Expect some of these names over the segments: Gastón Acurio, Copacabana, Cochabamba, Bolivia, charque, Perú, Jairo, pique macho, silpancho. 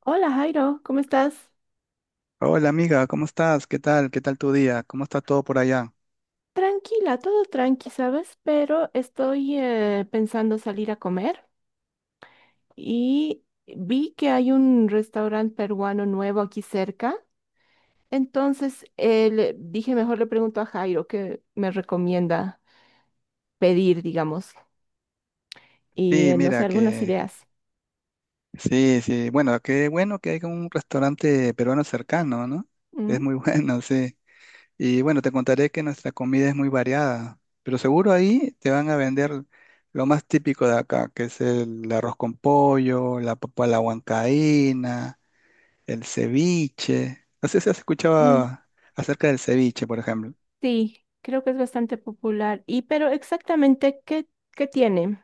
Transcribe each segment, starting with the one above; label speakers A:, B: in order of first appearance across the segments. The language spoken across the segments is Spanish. A: Hola Jairo, ¿cómo estás?
B: Hola amiga, ¿cómo estás? ¿Qué tal? ¿Qué tal tu día? ¿Cómo está todo por allá?
A: Tranquila, todo tranqui, ¿sabes? Pero estoy pensando salir a comer y vi que hay un restaurante peruano nuevo aquí cerca. Entonces le dije, mejor le pregunto a Jairo qué me recomienda pedir, digamos, y
B: Sí,
A: no sé,
B: mira
A: algunas
B: que
A: ideas.
B: sí. Bueno, qué bueno que hay un restaurante peruano cercano, ¿no?
A: Mm,
B: Es muy bueno, sí. Y bueno, te contaré que nuestra comida es muy variada, pero seguro ahí te van a vender lo más típico de acá, que es el arroz con pollo, la papa a la huancaína, el ceviche. No sé si has
A: mm,
B: escuchado acerca del ceviche, por ejemplo.
A: sí, creo que es bastante popular. ¿Y pero exactamente qué tiene?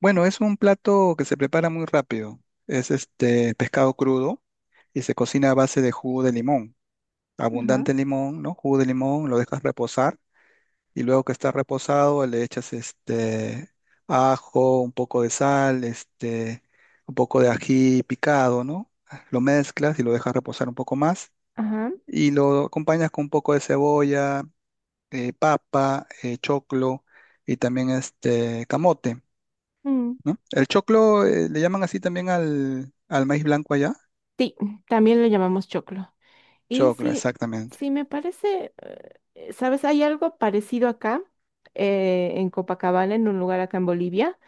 B: Bueno, es un plato que se prepara muy rápido. Es este pescado crudo y se cocina a base de jugo de limón.
A: Ajá,
B: Abundante limón, ¿no? Jugo de limón, lo dejas reposar y luego que está reposado le echas este ajo, un poco de sal, este, un poco de ají picado, ¿no? Lo mezclas y lo dejas reposar un poco más
A: ajá.
B: y lo acompañas con un poco de cebolla, papa, choclo y también este camote.
A: Mm.
B: ¿No? El choclo, le llaman así también al maíz blanco allá.
A: Sí, también le llamamos choclo. Y
B: Choclo,
A: sí,
B: exactamente.
A: sí me parece, ¿sabes? Hay algo parecido acá, en Copacabana, en un lugar acá en Bolivia,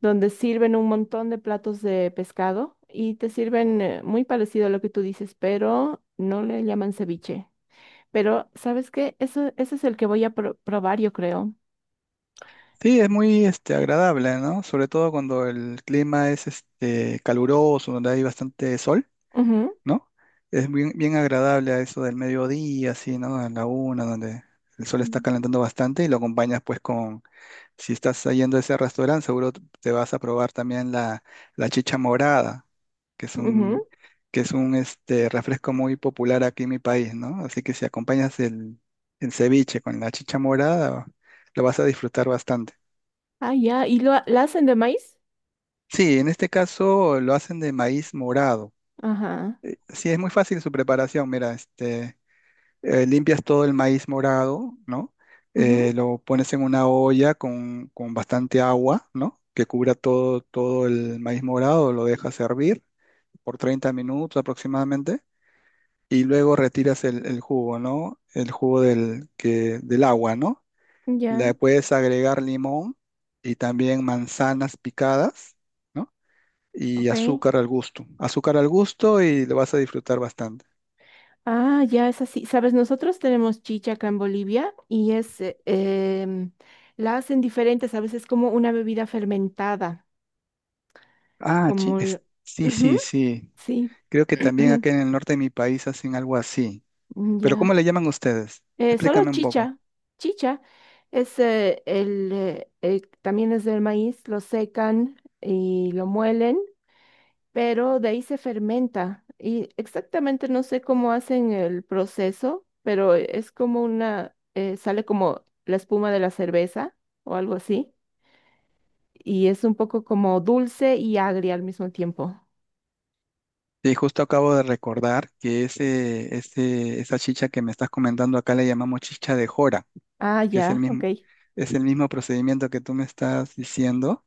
A: donde sirven un montón de platos de pescado y te sirven muy parecido a lo que tú dices, pero no le llaman ceviche. Pero, ¿sabes qué? Eso, ese es el que voy a probar, yo creo.
B: Sí, es muy este, agradable, ¿no? Sobre todo cuando el clima es este, caluroso, donde hay bastante sol,
A: Ujú,
B: ¿no? Es bien, bien agradable a eso del mediodía, así, ¿no? A la una, donde el sol está
A: mm,
B: calentando bastante y lo acompañas pues con, si estás yendo a ese restaurante, seguro te vas a probar también la chicha morada, que es
A: ujú.
B: un, que es un este, refresco muy popular aquí en mi país, ¿no? Así que si acompañas el ceviche con la chicha morada, lo vas a disfrutar bastante.
A: Ah, ya. ¿Y la hacen de maíz?
B: Sí, en este caso lo hacen de maíz morado.
A: Ajá.
B: Sí, es muy fácil su preparación. Mira, este, limpias todo el maíz morado, ¿no?
A: Ujú.
B: Lo pones en una olla con bastante agua, ¿no? Que cubra todo, todo el maíz morado, lo dejas hervir por 30 minutos aproximadamente y luego retiras el jugo, ¿no? El jugo del, que, del agua, ¿no?
A: Ya,
B: Le puedes agregar limón y también manzanas picadas, ¿no? Y
A: ok.
B: azúcar al gusto. Azúcar al gusto y lo vas a disfrutar bastante.
A: Ah, ya es así. Sabes, nosotros tenemos chicha acá en Bolivia y es, la hacen diferentes, a veces como una bebida fermentada,
B: Ah, chi-
A: como
B: es- sí,
A: ujú,
B: sí, sí.
A: sí,
B: Creo que también acá en el norte de mi país hacen algo así. Pero ¿cómo
A: ya.
B: le llaman ustedes?
A: Solo
B: Explícame un poco.
A: chicha, chicha es también es del maíz, lo secan y lo muelen, pero de ahí se fermenta y exactamente no sé cómo hacen el proceso, pero es como una, sale como la espuma de la cerveza o algo así, y es un poco como dulce y agria al mismo tiempo.
B: Y justo acabo de recordar que esa chicha que me estás comentando acá le llamamos chicha de jora,
A: Ah,
B: que
A: ya, ok.
B: es el mismo procedimiento que tú me estás diciendo.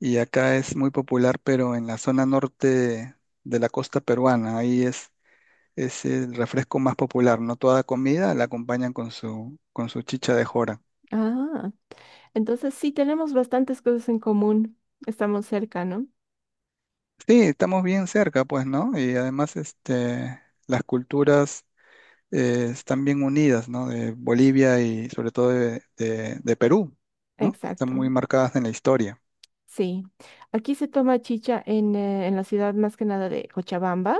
B: Y acá es muy popular, pero en la zona norte de la costa peruana, ahí es el refresco más popular, ¿no? Toda comida la acompañan con su chicha de jora.
A: Ah, entonces sí tenemos bastantes cosas en común, estamos cerca, ¿no?
B: Sí, estamos bien cerca, pues, ¿no? Y además, este, las culturas están bien unidas, ¿no? De Bolivia y sobre todo de Perú, ¿no? Están
A: Exacto.
B: muy marcadas en la historia.
A: Sí, aquí se toma chicha en la ciudad más que nada de Cochabamba,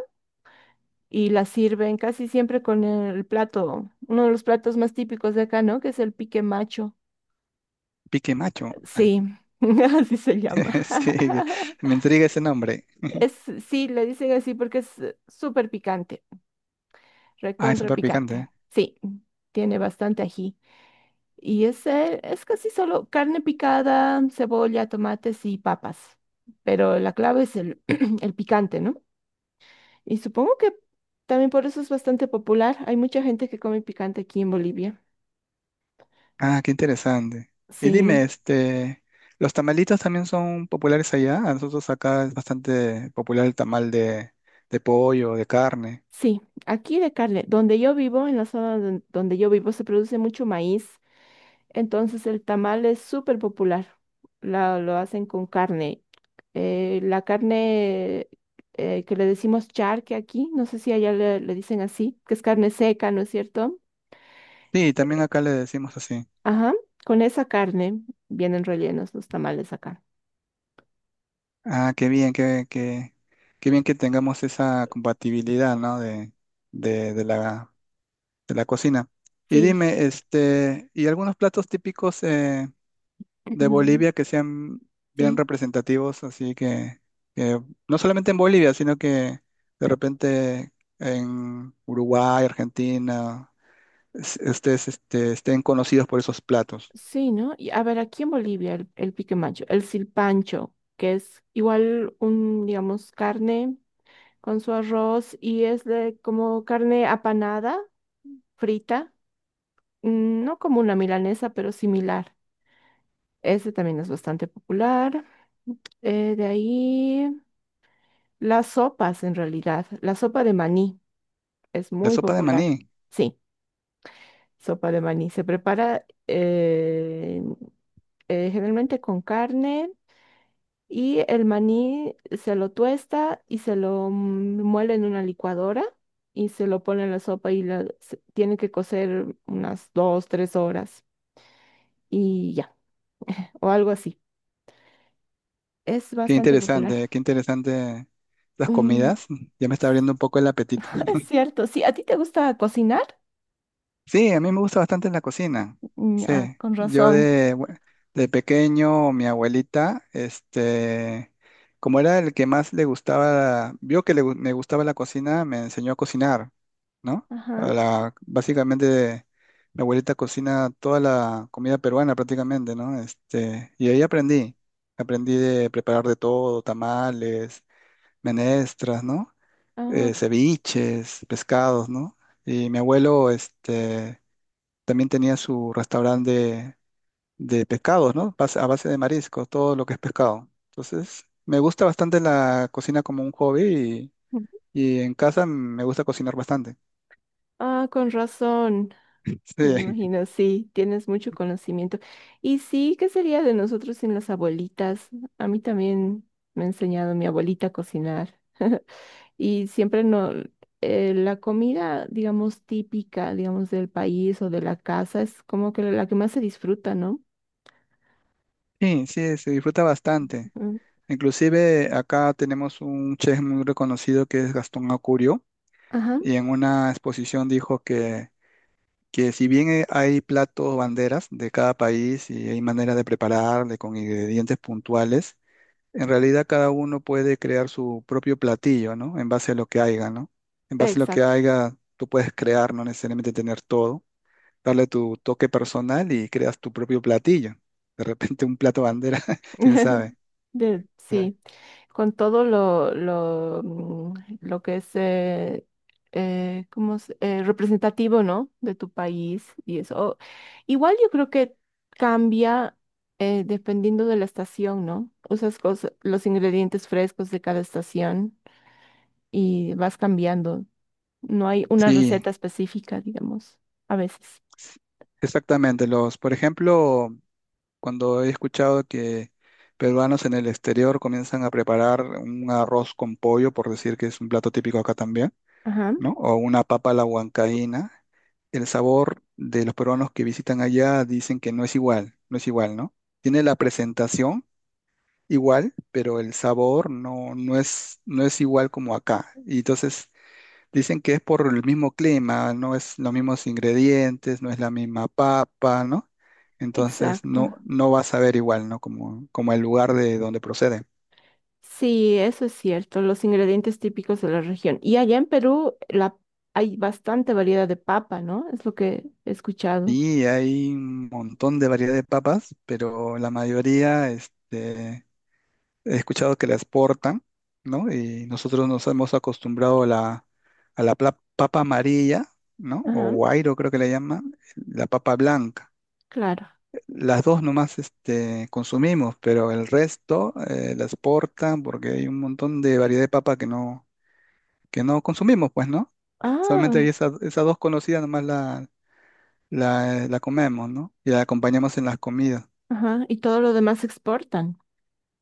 A: y la sirven casi siempre con el plato, uno de los platos más típicos de acá, ¿no? Que es el pique macho.
B: Pique Macho,
A: Sí, así se llama.
B: sí, me intriga ese nombre.
A: Es, sí, le dicen así porque es súper picante,
B: Ah, es
A: recontra
B: súper
A: picante.
B: picante.
A: Sí, tiene bastante ají. Y es casi solo carne picada, cebolla, tomates y papas. Pero la clave es el, el picante, ¿no? Y supongo que también por eso es bastante popular. Hay mucha gente que come picante aquí en Bolivia.
B: Ah, qué interesante. Y dime,
A: Sí.
B: este, ¿los tamalitos también son populares allá? A nosotros acá es bastante popular el tamal de pollo, de carne.
A: Sí, aquí de carne. Donde yo vivo, en la zona donde yo vivo, se produce mucho maíz, entonces el tamal es súper popular. Lo hacen con carne. La carne que le decimos charque aquí, no sé si allá le, le dicen así, que es carne seca, ¿no es cierto?
B: Sí, también acá le decimos así.
A: Ajá, con esa carne vienen rellenos los tamales acá.
B: Ah, qué bien, qué, qué, qué bien que tengamos esa compatibilidad, ¿no? De, de la, de la cocina. Y
A: Sí,
B: dime, este, ¿y algunos platos típicos de Bolivia que sean bien
A: sí.
B: representativos? Así que no solamente en Bolivia, sino que de repente en Uruguay, Argentina, es- ustedes este, estén conocidos por esos platos.
A: Sí, ¿no? Y a ver, aquí en Bolivia el pique macho, el silpancho, que es igual un, digamos, carne con su arroz y es de como carne apanada, frita, mm, no como una milanesa, pero similar. Ese también es bastante popular. De ahí las sopas, en realidad. La sopa de maní es
B: La
A: muy
B: sopa de maní.
A: popular. Sí, sopa de maní. Se prepara generalmente con carne. Y el maní se lo tuesta y se lo mm, muele en una licuadora y se lo pone en la sopa y tiene que cocer unas dos, tres horas y ya, o algo así. Es bastante popular.
B: Qué interesante las
A: Mm.
B: comidas. Ya me está abriendo un poco el apetito.
A: Es cierto, sí, ¿a ti te gusta cocinar?
B: Sí, a mí me gusta bastante la cocina.
A: Mm.
B: Sí,
A: Ah, con
B: yo
A: razón.
B: de, bue- de pequeño, mi abuelita, este, como era el que más le gustaba, vio que le gu- me gustaba la cocina, me enseñó a cocinar, ¿no? A
A: Ajá.
B: la- básicamente, mi abuelita cocina toda la comida peruana prácticamente, ¿no? Este, y ahí aprendí. Aprendí de preparar de todo, tamales menestras, ¿no?
A: Ah, ok.
B: Ceviches, pescados, ¿no? Y mi abuelo, este, también tenía su restaurante de pescados, ¿no? Base- A base de mariscos, todo lo que es pescado. Entonces, me gusta bastante la cocina como un hobby y en casa me gusta cocinar bastante.
A: Ah, con razón. Me
B: Sí,
A: imagino, sí, tienes mucho conocimiento. Y sí, ¿qué sería de nosotros sin las abuelitas? A mí también me ha enseñado mi abuelita a cocinar. Y siempre no, la comida, digamos, típica, digamos, del país o de la casa es como que la que más se disfruta, ¿no?
B: sí, sí, se disfruta bastante.
A: Ujú.
B: Inclusive acá tenemos un chef muy reconocido que es Gastón Acurio
A: Ajá,
B: y en una exposición dijo que si bien hay platos banderas de cada país y hay maneras de prepararle con ingredientes puntuales, en realidad cada uno puede crear su propio platillo, ¿no? En base a lo que haya, ¿no? En base a lo que
A: exacto.
B: haya, tú puedes crear, no necesariamente tener todo, darle tu toque personal y creas tu propio platillo. De repente un plato bandera, quién sabe.
A: De-
B: Sí.
A: sí. Con todo lo que es ¿cómo representativo, ¿no? De tu país y eso. Igual yo creo que cambia dependiendo de la estación, ¿no? Usas cosas, los ingredientes frescos de cada estación y vas cambiando. No hay una
B: Sí,
A: receta específica, digamos, a veces.
B: exactamente. Los, por ejemplo, cuando he escuchado que peruanos en el exterior comienzan a preparar un arroz con pollo, por decir que es un plato típico acá también,
A: Ajá,
B: ¿no? O una papa a la huancaína, el sabor de los peruanos que visitan allá dicen que no es igual, no es igual, ¿no? Tiene la presentación igual, pero el sabor no, no es, no es igual como acá. Y entonces dicen que es por el mismo clima, no es los mismos ingredientes, no es la misma papa, ¿no? Entonces no,
A: exacto.
B: no vas a ver igual, ¿no? Como, como el lugar de donde procede.
A: Sí, eso es cierto, los ingredientes típicos de la región. Y allá en Perú la, hay bastante variedad de papa, ¿no? Es lo que he escuchado.
B: Y hay un montón de variedad de papas, pero la mayoría, este, he escuchado que la exportan, ¿no? Y nosotros nos hemos acostumbrado a a la pla- papa amarilla, ¿no? O
A: Ajá,
B: guairo creo que le llaman, la papa blanca.
A: claro.
B: Las dos nomás este, consumimos, pero el resto la exportan porque hay un montón de variedad de papa que no consumimos, pues, ¿no? Solamente hay
A: Ah,
B: esas, esas dos conocidas nomás la comemos, ¿no? Y la acompañamos en las comidas.
A: ajá, y todo lo demás exportan.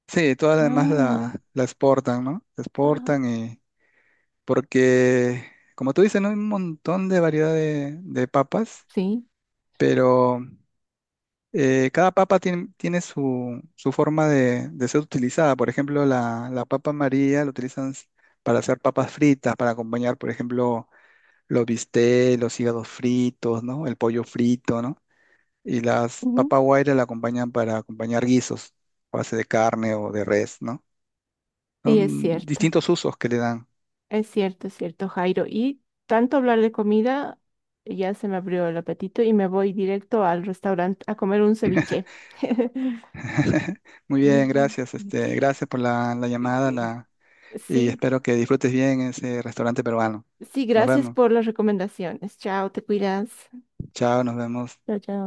B: Sí, todas las demás
A: Ah, ya,
B: la exportan, ¿no? La
A: ajá,
B: exportan y porque, como tú dices, ¿no? Hay un montón de variedad de papas,
A: sí,
B: pero cada papa tiene, tiene su, su forma de ser utilizada. Por ejemplo, la papa María la utilizan s- para hacer papas fritas, para acompañar, por ejemplo, los bistecs, los hígados fritos, ¿no? El pollo frito, ¿no? Y las
A: ujú.
B: papas guaira la acompañan para acompañar guisos, a base de carne o de res, ¿no?
A: Sí, es
B: Son
A: cierto,
B: distintos usos que le dan.
A: es cierto, es cierto, Jairo. Y tanto hablar de comida, ya se me abrió el apetito y me voy directo al restaurante a comer un ceviche.
B: Muy bien, gracias. Este, gracias por la llamada la, y
A: Sí,
B: espero que disfrutes bien ese restaurante peruano.
A: sí,
B: Nos
A: gracias
B: vemos.
A: por las recomendaciones. Chao, te cuidas.
B: Chao, nos vemos.
A: Chao, chao.